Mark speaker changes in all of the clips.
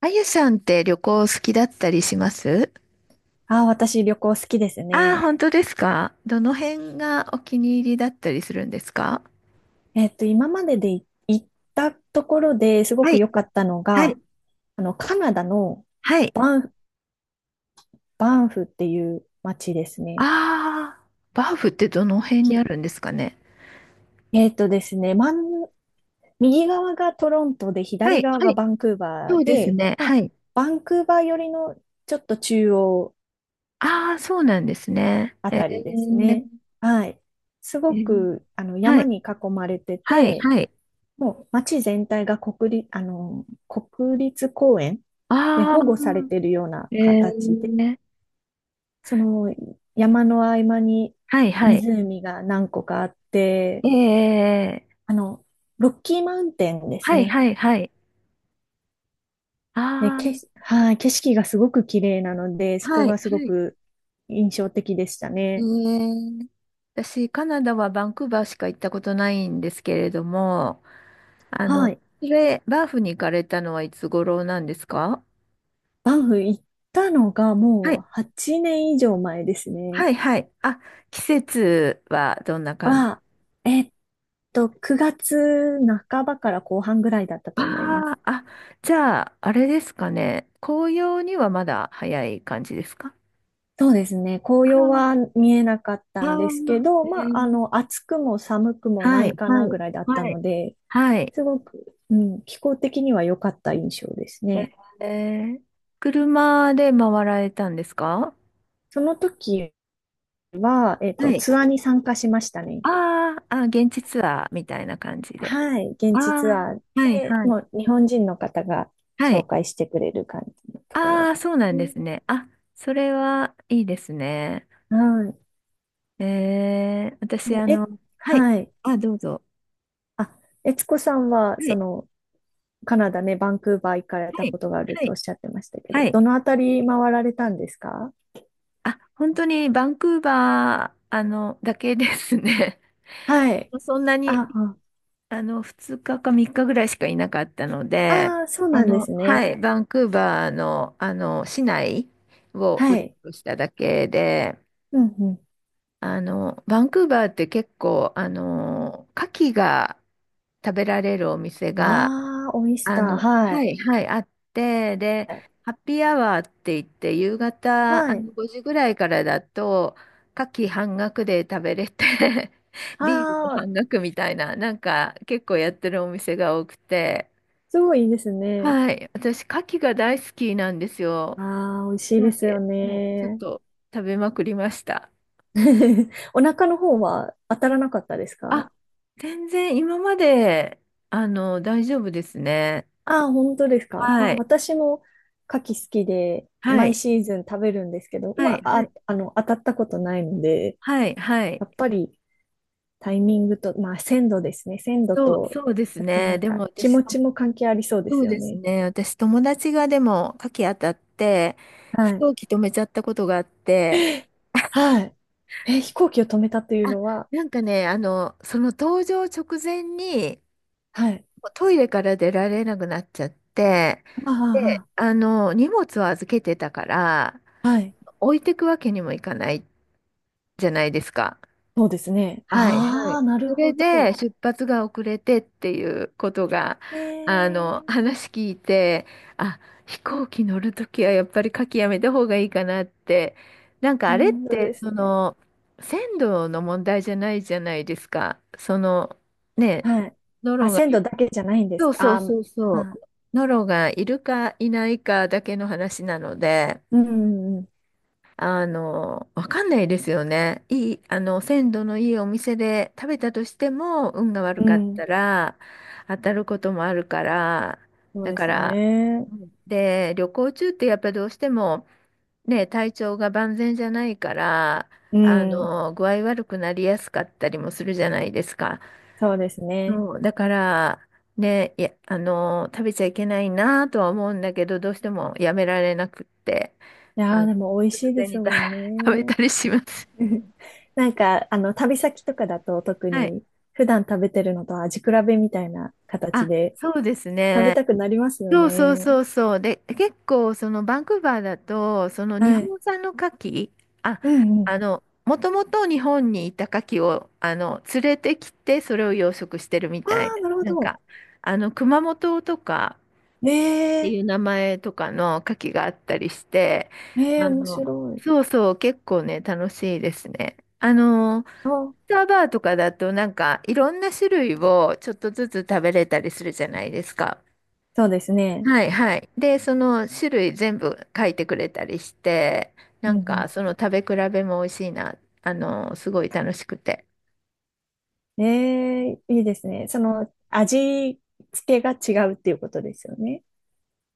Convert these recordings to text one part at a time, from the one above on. Speaker 1: あゆさんって旅行好きだったりします？
Speaker 2: ああ、私旅行好きです
Speaker 1: ああー、
Speaker 2: ね。
Speaker 1: 本当ですか？どの辺がお気に入りだったりするんですか？
Speaker 2: 今までで行ったところですご
Speaker 1: は
Speaker 2: く
Speaker 1: い、
Speaker 2: 良かったの
Speaker 1: は
Speaker 2: が、
Speaker 1: い、
Speaker 2: カナダの
Speaker 1: はい。
Speaker 2: バンフ、バンフっていう街ですね。
Speaker 1: ああー、バーフってどの辺に
Speaker 2: き
Speaker 1: あるんですかね？
Speaker 2: えっとですね、ん、右側がトロントで、
Speaker 1: は
Speaker 2: 左
Speaker 1: い、
Speaker 2: 側
Speaker 1: は
Speaker 2: が
Speaker 1: い、
Speaker 2: バンクーバ
Speaker 1: そ
Speaker 2: ー
Speaker 1: うです
Speaker 2: で、
Speaker 1: ね。
Speaker 2: ま
Speaker 1: は
Speaker 2: あ、
Speaker 1: い。
Speaker 2: バンクーバー寄りのちょっと中央
Speaker 1: ああ、そうなんですね。
Speaker 2: あたりですね。はい。す
Speaker 1: え
Speaker 2: ご
Speaker 1: ー
Speaker 2: く、
Speaker 1: は
Speaker 2: 山
Speaker 1: い、
Speaker 2: に囲まれて
Speaker 1: はい、
Speaker 2: て、
Speaker 1: はい。
Speaker 2: もう街全体が国立公園で
Speaker 1: ああ、
Speaker 2: 保護されているような
Speaker 1: え
Speaker 2: 形で、
Speaker 1: ー、
Speaker 2: その山の合間に
Speaker 1: はい、はい。
Speaker 2: 湖が何個かあって、
Speaker 1: ええ、
Speaker 2: あの、ロッキーマウンテンです
Speaker 1: はい、
Speaker 2: ね。
Speaker 1: はい、はい。
Speaker 2: で、
Speaker 1: ああ、
Speaker 2: はい、景色がすごく綺麗なので、そこ
Speaker 1: はい、
Speaker 2: がすご
Speaker 1: はい。
Speaker 2: く印象的でした
Speaker 1: え
Speaker 2: ね。
Speaker 1: え、私、カナダはバンクーバーしか行ったことないんですけれども、あ
Speaker 2: は
Speaker 1: の、
Speaker 2: い。
Speaker 1: それ、バーフに行かれたのはいつ頃なんですか？
Speaker 2: バンフ行ったのが
Speaker 1: は
Speaker 2: も
Speaker 1: い、
Speaker 2: う8年以上前ですね。
Speaker 1: はい、はい。あ、季節はどんな感じ？
Speaker 2: は、えっと、9月半ばから後半ぐらいだったと思いま
Speaker 1: あ
Speaker 2: す。
Speaker 1: ああ、じゃあ、あれですかね。紅葉にはまだ早い感じですか？
Speaker 2: そうですね。紅葉は
Speaker 1: あ
Speaker 2: 見えなかっ
Speaker 1: あ
Speaker 2: たんですけ
Speaker 1: ー、
Speaker 2: ど、まあ、暑くも寒くもな
Speaker 1: はい、
Speaker 2: いかな
Speaker 1: は
Speaker 2: ぐ
Speaker 1: い、
Speaker 2: らいだった
Speaker 1: はい、
Speaker 2: ので、
Speaker 1: はい。
Speaker 2: すごく、うん、気候的には良かった印象ですね。
Speaker 1: えー、車で回られたんですか？
Speaker 2: その時は、
Speaker 1: はい。
Speaker 2: ツアーに参加しましたね。
Speaker 1: あーあ、現地ツアーみたいな感じで。
Speaker 2: はい。現
Speaker 1: ああ、
Speaker 2: 地ツアー
Speaker 1: はい
Speaker 2: で、
Speaker 1: はい。
Speaker 2: もう日本人の方が
Speaker 1: は
Speaker 2: 紹
Speaker 1: い。
Speaker 2: 介してくれる感じのところ
Speaker 1: あ
Speaker 2: で
Speaker 1: あ、そうな
Speaker 2: す
Speaker 1: んで
Speaker 2: ね。
Speaker 1: すね。あ、それはいいですね。
Speaker 2: はい。
Speaker 1: 私、はい。
Speaker 2: はい。
Speaker 1: あ、どうぞ。
Speaker 2: あ、悦子さんは、
Speaker 1: はい。
Speaker 2: カナダね、バンクーバー行かれた
Speaker 1: はい。
Speaker 2: ことがある
Speaker 1: は
Speaker 2: とお
Speaker 1: い。
Speaker 2: っしゃってましたけど、
Speaker 1: はい。
Speaker 2: どのあたり回られたんですか？
Speaker 1: あ、本当にバンクーバー、だけですね。
Speaker 2: はい。
Speaker 1: そんなに、
Speaker 2: ああ、
Speaker 1: 2日か3日ぐらいしかいなかったので、
Speaker 2: ああ、そうなんです
Speaker 1: は
Speaker 2: ね。
Speaker 1: い。バンクーバーの、市内を
Speaker 2: は
Speaker 1: うろ
Speaker 2: い。
Speaker 1: うろしただけで、
Speaker 2: うんうん。
Speaker 1: バンクーバーって結構、牡蠣が食べられるお店が、
Speaker 2: ああ、オイスター。は
Speaker 1: は
Speaker 2: い。
Speaker 1: い、はい、あって、で、ハッピーアワーって言って、夕方、
Speaker 2: はい。
Speaker 1: 5時ぐらいからだと、牡蠣半額で食べれて ビールも
Speaker 2: ああ、
Speaker 1: 半額みたいな、なんか結構やってるお店が多くて、
Speaker 2: すごいいいですね。
Speaker 1: はい、私、牡蠣が大好きなんですよ。
Speaker 2: ああ、美味しい
Speaker 1: な
Speaker 2: で
Speaker 1: ん
Speaker 2: すよ
Speaker 1: で、もうちょっ
Speaker 2: ね。
Speaker 1: と食べまくりました。
Speaker 2: お腹の方は当たらなかったですか？
Speaker 1: あ、全然今まで、大丈夫ですね。
Speaker 2: ああ、本当ですか。
Speaker 1: は
Speaker 2: まあ、
Speaker 1: い。
Speaker 2: 私も牡蠣好きで、
Speaker 1: は
Speaker 2: 毎
Speaker 1: い。
Speaker 2: シーズン食べるんですけど、
Speaker 1: は
Speaker 2: ま
Speaker 1: い。
Speaker 2: あ、
Speaker 1: はい。
Speaker 2: 当たったことないので、
Speaker 1: はい。はい。
Speaker 2: やっぱりタイミングと、まあ、鮮度ですね。鮮度
Speaker 1: そう、
Speaker 2: と、
Speaker 1: そうです
Speaker 2: あとな
Speaker 1: ね。
Speaker 2: ん
Speaker 1: でも
Speaker 2: か、気
Speaker 1: 私、
Speaker 2: 持ちも関係ありそうで
Speaker 1: そ
Speaker 2: す
Speaker 1: う
Speaker 2: よ
Speaker 1: です
Speaker 2: ね。
Speaker 1: ね。私、友達がでも、夏季当たって、飛
Speaker 2: はい。
Speaker 1: 行機止めちゃったことがあって、
Speaker 2: はい。え、飛行機を止めたという
Speaker 1: あ、
Speaker 2: のは？
Speaker 1: なんかね、その搭乗直前に、
Speaker 2: はい。
Speaker 1: もうトイレから出られなくなっちゃって、
Speaker 2: あ
Speaker 1: で、
Speaker 2: あ、
Speaker 1: 荷物を預けてたから、
Speaker 2: ああはい。
Speaker 1: 置いてくわけにもいかないじゃないですか。
Speaker 2: そうですね。
Speaker 1: はい、は
Speaker 2: ああ、
Speaker 1: い。
Speaker 2: なる
Speaker 1: それ
Speaker 2: ほ
Speaker 1: で
Speaker 2: ど。
Speaker 1: 出発が遅れてっていうことが、
Speaker 2: ええ、
Speaker 1: 話聞いて、あ、飛行機乗るときはやっぱり書きやめた方がいいかなって、なんか
Speaker 2: う
Speaker 1: あれっ
Speaker 2: ん、そう
Speaker 1: て、
Speaker 2: です
Speaker 1: そ
Speaker 2: ね。
Speaker 1: の、鮮度の問題じゃないじゃないですか。その、ね、
Speaker 2: はい。
Speaker 1: ノ
Speaker 2: あ、
Speaker 1: ロが
Speaker 2: 鮮
Speaker 1: い、
Speaker 2: 度だけじゃないんです
Speaker 1: そうそ
Speaker 2: か。
Speaker 1: う
Speaker 2: あー、
Speaker 1: そうそ
Speaker 2: まあ、
Speaker 1: う、ノロがいるかいないかだけの話なので、
Speaker 2: うん、うん、
Speaker 1: わかんないですよね。いい、あの、鮮度のいいお店で食べたとしても、運が悪
Speaker 2: う
Speaker 1: か
Speaker 2: ん。
Speaker 1: っ
Speaker 2: うん、
Speaker 1: たら、当たることもあるから、
Speaker 2: そう
Speaker 1: だ
Speaker 2: で
Speaker 1: か
Speaker 2: す
Speaker 1: ら、
Speaker 2: ね。
Speaker 1: うんで、旅行中ってやっぱどうしても、ね、体調が万全じゃないから、
Speaker 2: うん、
Speaker 1: 具合悪くなりやすかったりもするじゃないですか。
Speaker 2: そうですね。
Speaker 1: そう、だから、ね、いや、食べちゃいけないなとは思うんだけど、どうしてもやめられなくって。
Speaker 2: い
Speaker 1: あ
Speaker 2: や
Speaker 1: の、
Speaker 2: ー、でも美味し
Speaker 1: 突
Speaker 2: いで
Speaker 1: 然
Speaker 2: す
Speaker 1: にた
Speaker 2: もん
Speaker 1: 食べ
Speaker 2: ね。
Speaker 1: たりします。
Speaker 2: なんか、旅先とかだと特
Speaker 1: はい。
Speaker 2: に普段食べてるのと味比べみたいな形
Speaker 1: あ、
Speaker 2: で
Speaker 1: そうです
Speaker 2: 食べ
Speaker 1: ね。
Speaker 2: たくなりますよ
Speaker 1: そうそう
Speaker 2: ね。
Speaker 1: そうそう。で、結構、そのバンクーバーだと、その日
Speaker 2: はい。
Speaker 1: 本産の牡蠣、あ、
Speaker 2: うんうん。
Speaker 1: もともと日本にいた牡蠣を、連れてきて、それを養殖してるみ
Speaker 2: あ
Speaker 1: たい
Speaker 2: あ、
Speaker 1: な。
Speaker 2: なるほ
Speaker 1: なん
Speaker 2: ど。
Speaker 1: か、熊本とか
Speaker 2: え
Speaker 1: って
Speaker 2: え、
Speaker 1: いう名前とかの牡蠣があったりして、
Speaker 2: ええ、
Speaker 1: あ
Speaker 2: 面
Speaker 1: の、
Speaker 2: 白い。
Speaker 1: そうそう、結構ね、楽しいですね。ス
Speaker 2: あ、
Speaker 1: ターバーとかだとなんかいろんな種類をちょっとずつ食べれたりするじゃないですか。
Speaker 2: そうですね。
Speaker 1: はいはい。で、その種類全部書いてくれたりして、な
Speaker 2: う
Speaker 1: ん
Speaker 2: ん
Speaker 1: かその食べ比べも美味しいな。すごい楽しくて。
Speaker 2: うん。ええ、いいですね。味付けが違うっていうことですよね。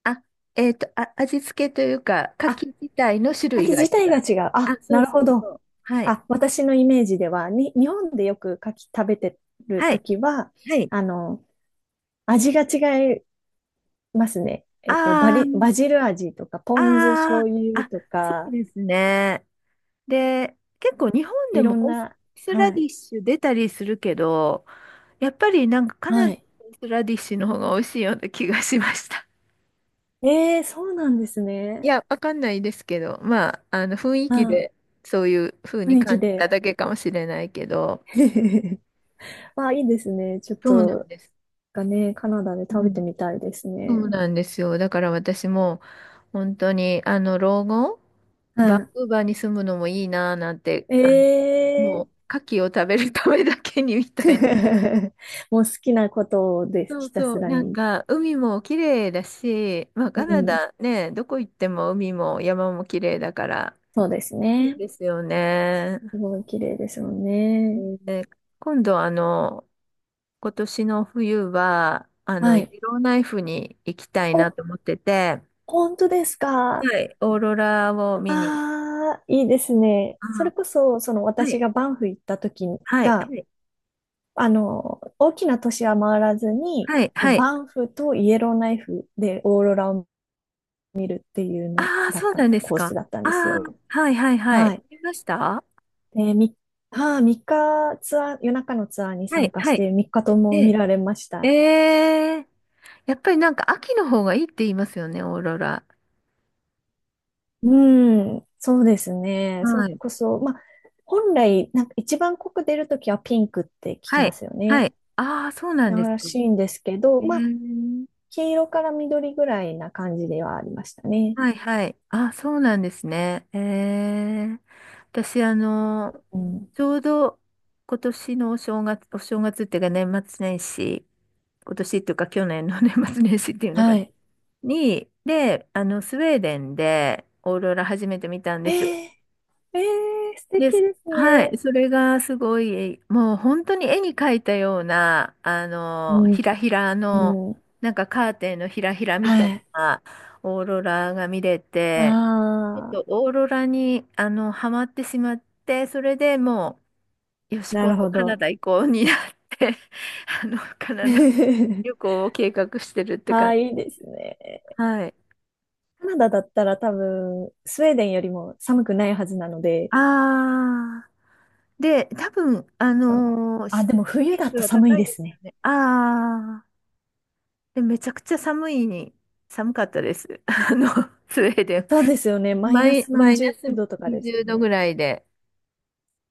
Speaker 1: あ、あ、味付けというか、牡
Speaker 2: あ、
Speaker 1: 蠣自体の種
Speaker 2: 牡
Speaker 1: 類
Speaker 2: 蠣
Speaker 1: が違
Speaker 2: 自体が
Speaker 1: う。
Speaker 2: 違う。
Speaker 1: あ、
Speaker 2: あ、
Speaker 1: そ
Speaker 2: な
Speaker 1: う
Speaker 2: る
Speaker 1: そ
Speaker 2: ほ
Speaker 1: うそ
Speaker 2: ど。
Speaker 1: う。はい。
Speaker 2: あ、私のイメージでは、日本でよく牡蠣食べてる
Speaker 1: は
Speaker 2: と
Speaker 1: い。
Speaker 2: きは、
Speaker 1: はい。
Speaker 2: あの、味が違いますね。
Speaker 1: あ
Speaker 2: バ
Speaker 1: ー、
Speaker 2: ジル味とか、ポン酢
Speaker 1: あ
Speaker 2: 醤
Speaker 1: ー、
Speaker 2: 油
Speaker 1: あ、
Speaker 2: と
Speaker 1: そう
Speaker 2: か、
Speaker 1: ですね。で、結構日本で
Speaker 2: いろ
Speaker 1: も
Speaker 2: ん
Speaker 1: オー
Speaker 2: な、
Speaker 1: スラ
Speaker 2: は
Speaker 1: ディ
Speaker 2: い。
Speaker 1: ッシュ出たりするけど、やっぱりなんかカ
Speaker 2: は
Speaker 1: ナダの
Speaker 2: い。
Speaker 1: オースラディッシュの方が美味しいような気がしました。
Speaker 2: えーそうなんです
Speaker 1: い
Speaker 2: ね。
Speaker 1: や、わかんないですけど、まあ、あの雰囲
Speaker 2: う
Speaker 1: 気
Speaker 2: ん。
Speaker 1: でそういう風
Speaker 2: 雰
Speaker 1: に
Speaker 2: 囲気
Speaker 1: 感じた
Speaker 2: で。
Speaker 1: だけかもしれないけど、
Speaker 2: あ、いいですね。ちょっ
Speaker 1: そうなん
Speaker 2: と、
Speaker 1: です。
Speaker 2: カナダで
Speaker 1: う
Speaker 2: 食べて
Speaker 1: ん、
Speaker 2: みたいです
Speaker 1: そう
Speaker 2: ね。
Speaker 1: なんですよ。だから私も本当にあの老後、
Speaker 2: は
Speaker 1: バンクーバーに住むのもいいなぁなんて、
Speaker 2: い。
Speaker 1: もう牡蠣を食べるためだけにみ
Speaker 2: ー
Speaker 1: たいな。
Speaker 2: もう好きなことです、
Speaker 1: そう
Speaker 2: ひたす
Speaker 1: そう、
Speaker 2: ら
Speaker 1: なん
Speaker 2: に。
Speaker 1: か海も綺麗だし、まあ、
Speaker 2: う
Speaker 1: カナ
Speaker 2: ん。
Speaker 1: ダね、どこ行っても海も山も綺麗だから、
Speaker 2: そうです
Speaker 1: いい
Speaker 2: ね。
Speaker 1: ですよね。
Speaker 2: すごい綺麗ですよね。
Speaker 1: で、今度、今年の冬は、
Speaker 2: は
Speaker 1: イ
Speaker 2: い。
Speaker 1: エローナイフに行きたいな
Speaker 2: お、
Speaker 1: と思ってて、
Speaker 2: 本当ですか。
Speaker 1: はい、オーロラを見に。
Speaker 2: ああ、いいですね。そ
Speaker 1: あ、
Speaker 2: れこそ、その
Speaker 1: は
Speaker 2: 私
Speaker 1: い、
Speaker 2: がバンフ行った時
Speaker 1: はい、
Speaker 2: が、
Speaker 1: はい、
Speaker 2: 大きな都市は回らずに、
Speaker 1: はい、はい。
Speaker 2: バンフとイエローナイフでオーロラを見るっていうの
Speaker 1: ああ、
Speaker 2: だっ
Speaker 1: そう
Speaker 2: た、
Speaker 1: なんです
Speaker 2: コース
Speaker 1: か。
Speaker 2: だったん
Speaker 1: あ
Speaker 2: です
Speaker 1: あ、
Speaker 2: よ。
Speaker 1: はい、はい、はい。
Speaker 2: はい。
Speaker 1: 見ました。は
Speaker 2: で、3日ツアー、夜中のツアーに参
Speaker 1: い、
Speaker 2: 加し
Speaker 1: はい。
Speaker 2: て3日とも
Speaker 1: え
Speaker 2: 見
Speaker 1: え、
Speaker 2: られまし
Speaker 1: え
Speaker 2: た。
Speaker 1: え、やっぱりなんか秋の方がいいって言いますよね、オーロラ。
Speaker 2: うん、そうですね。それ
Speaker 1: はい。
Speaker 2: こそ、まあ、本来、なんか一番濃く出るときはピンクって聞き
Speaker 1: は
Speaker 2: ま
Speaker 1: い。
Speaker 2: すよ
Speaker 1: は
Speaker 2: ね。
Speaker 1: い。ああ、そうなんです
Speaker 2: ら
Speaker 1: か。
Speaker 2: しいんですけど、
Speaker 1: え
Speaker 2: まあ、
Speaker 1: ー、
Speaker 2: 黄色から緑ぐらいな感じではありましたね。
Speaker 1: はい、はい。あ、そうなんですね。ー、私、
Speaker 2: うん。
Speaker 1: ちょうど今年のお正月、お正月っていうか年末年始、今年っていうか去年の 年末年始っていうのか
Speaker 2: はい。
Speaker 1: に、で、スウェーデンでオーロラ初めて見たん
Speaker 2: えー、
Speaker 1: ですよ。
Speaker 2: 素敵
Speaker 1: です。
Speaker 2: です
Speaker 1: は
Speaker 2: ね。
Speaker 1: い。それがすごい、もう本当に絵に描いたような、
Speaker 2: う
Speaker 1: ひ
Speaker 2: ん。
Speaker 1: らひらの、
Speaker 2: うん。
Speaker 1: なんかカーテンのひらひらみた
Speaker 2: は
Speaker 1: い
Speaker 2: い。
Speaker 1: なオーロラが見れて、ちょっ
Speaker 2: ああ、
Speaker 1: とオーロラに、ハマってしまって、それでもう、よし、
Speaker 2: な
Speaker 1: 今
Speaker 2: る
Speaker 1: 度
Speaker 2: ほ
Speaker 1: カナ
Speaker 2: ど。
Speaker 1: ダ行こうになって、カナダ旅 行を計画してるって
Speaker 2: あ
Speaker 1: 感
Speaker 2: あ、
Speaker 1: じ。
Speaker 2: いいですね。
Speaker 1: はい。
Speaker 2: カナダだったら多分、スウェーデンよりも寒くないはずなので、
Speaker 1: ああ。で、多分、
Speaker 2: その、
Speaker 1: 施
Speaker 2: でも冬だ
Speaker 1: 設
Speaker 2: と
Speaker 1: は
Speaker 2: 寒い
Speaker 1: 高い
Speaker 2: で
Speaker 1: で
Speaker 2: す
Speaker 1: すよ
Speaker 2: ね。
Speaker 1: ね。ああ。で、めちゃくちゃ寒いに、寒かったです。スウェーデン。
Speaker 2: そうですよね。マイナス
Speaker 1: マ
Speaker 2: 何
Speaker 1: イナ
Speaker 2: 十
Speaker 1: ス
Speaker 2: 度とかです
Speaker 1: 20
Speaker 2: よ
Speaker 1: 度
Speaker 2: ね。
Speaker 1: ぐらいで。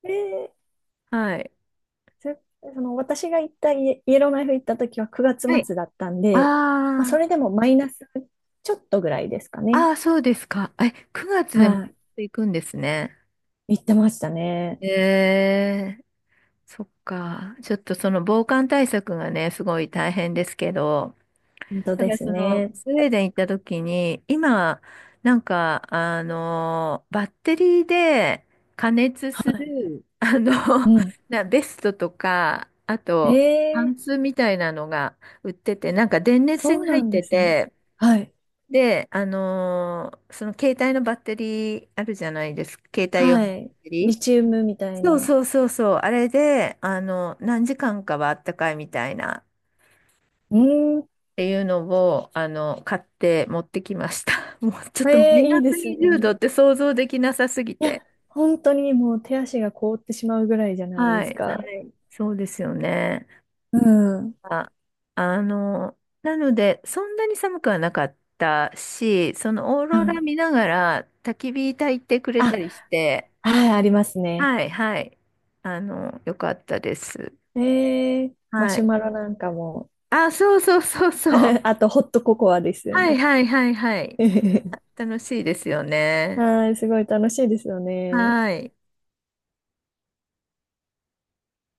Speaker 2: えー
Speaker 1: はい。
Speaker 2: そその私が行ったイエローナイフ行った時は9月
Speaker 1: はい。
Speaker 2: 末だったんで、まあ、そ
Speaker 1: あ
Speaker 2: れでもマイナスちょっとぐらいですか
Speaker 1: あ、
Speaker 2: ね。
Speaker 1: ああ、そうですか。え、9月でも
Speaker 2: は
Speaker 1: 行くんですね。
Speaker 2: い、行ってましたね。
Speaker 1: ええ、そっか。ちょっとその防寒対策がね、すごい大変ですけど、
Speaker 2: 本当
Speaker 1: だか
Speaker 2: で
Speaker 1: ら
Speaker 2: す
Speaker 1: その、
Speaker 2: ね。
Speaker 1: スウェーデン行った時に、今、なんか、バッテリーで加熱す
Speaker 2: はい。
Speaker 1: る、
Speaker 2: うん。
Speaker 1: ベストとか、あと、パ
Speaker 2: え
Speaker 1: ン
Speaker 2: え、
Speaker 1: ツみたいなのが売ってて、なんか電熱
Speaker 2: そ
Speaker 1: 線
Speaker 2: う
Speaker 1: が入
Speaker 2: な
Speaker 1: っ
Speaker 2: んで
Speaker 1: て
Speaker 2: すね。
Speaker 1: て、
Speaker 2: はい。
Speaker 1: で、その携帯のバッテリーあるじゃないですか、携帯用の
Speaker 2: は
Speaker 1: バッ
Speaker 2: い。
Speaker 1: テリー。
Speaker 2: リチウムみたい
Speaker 1: そう
Speaker 2: な。
Speaker 1: そうそうそう、あれで、何時間かはあったかいみたいな。
Speaker 2: うーん。
Speaker 1: っていうのを、買って持ってきました。もうちょっとマ
Speaker 2: え
Speaker 1: イ
Speaker 2: え、い
Speaker 1: ナ
Speaker 2: いで
Speaker 1: ス
Speaker 2: す
Speaker 1: 20度
Speaker 2: ね。
Speaker 1: って想像できなさすぎ
Speaker 2: いや、
Speaker 1: て。
Speaker 2: 本当にもう手足が凍ってしまうぐらいじゃないで
Speaker 1: は
Speaker 2: す
Speaker 1: い、は
Speaker 2: か。
Speaker 1: い、そうですよね。
Speaker 2: うん。
Speaker 1: あ、あの、なので、そんなに寒くはなかったし、そのオー
Speaker 2: う
Speaker 1: ロラ
Speaker 2: ん。
Speaker 1: 見ながら焚き火焚いてくれた
Speaker 2: あ、
Speaker 1: りして、
Speaker 2: はい、ありますね。
Speaker 1: はい、はい、よかったです。
Speaker 2: ええ、マ
Speaker 1: は
Speaker 2: シュ
Speaker 1: い。
Speaker 2: マロなんかも。
Speaker 1: あ、そうそうそうそう。
Speaker 2: あと、ホットココアですよ
Speaker 1: はい、
Speaker 2: ね。
Speaker 1: はい、はい、はい。あ、 楽しいですよね。
Speaker 2: はい、すごい楽しいですよね。
Speaker 1: はい。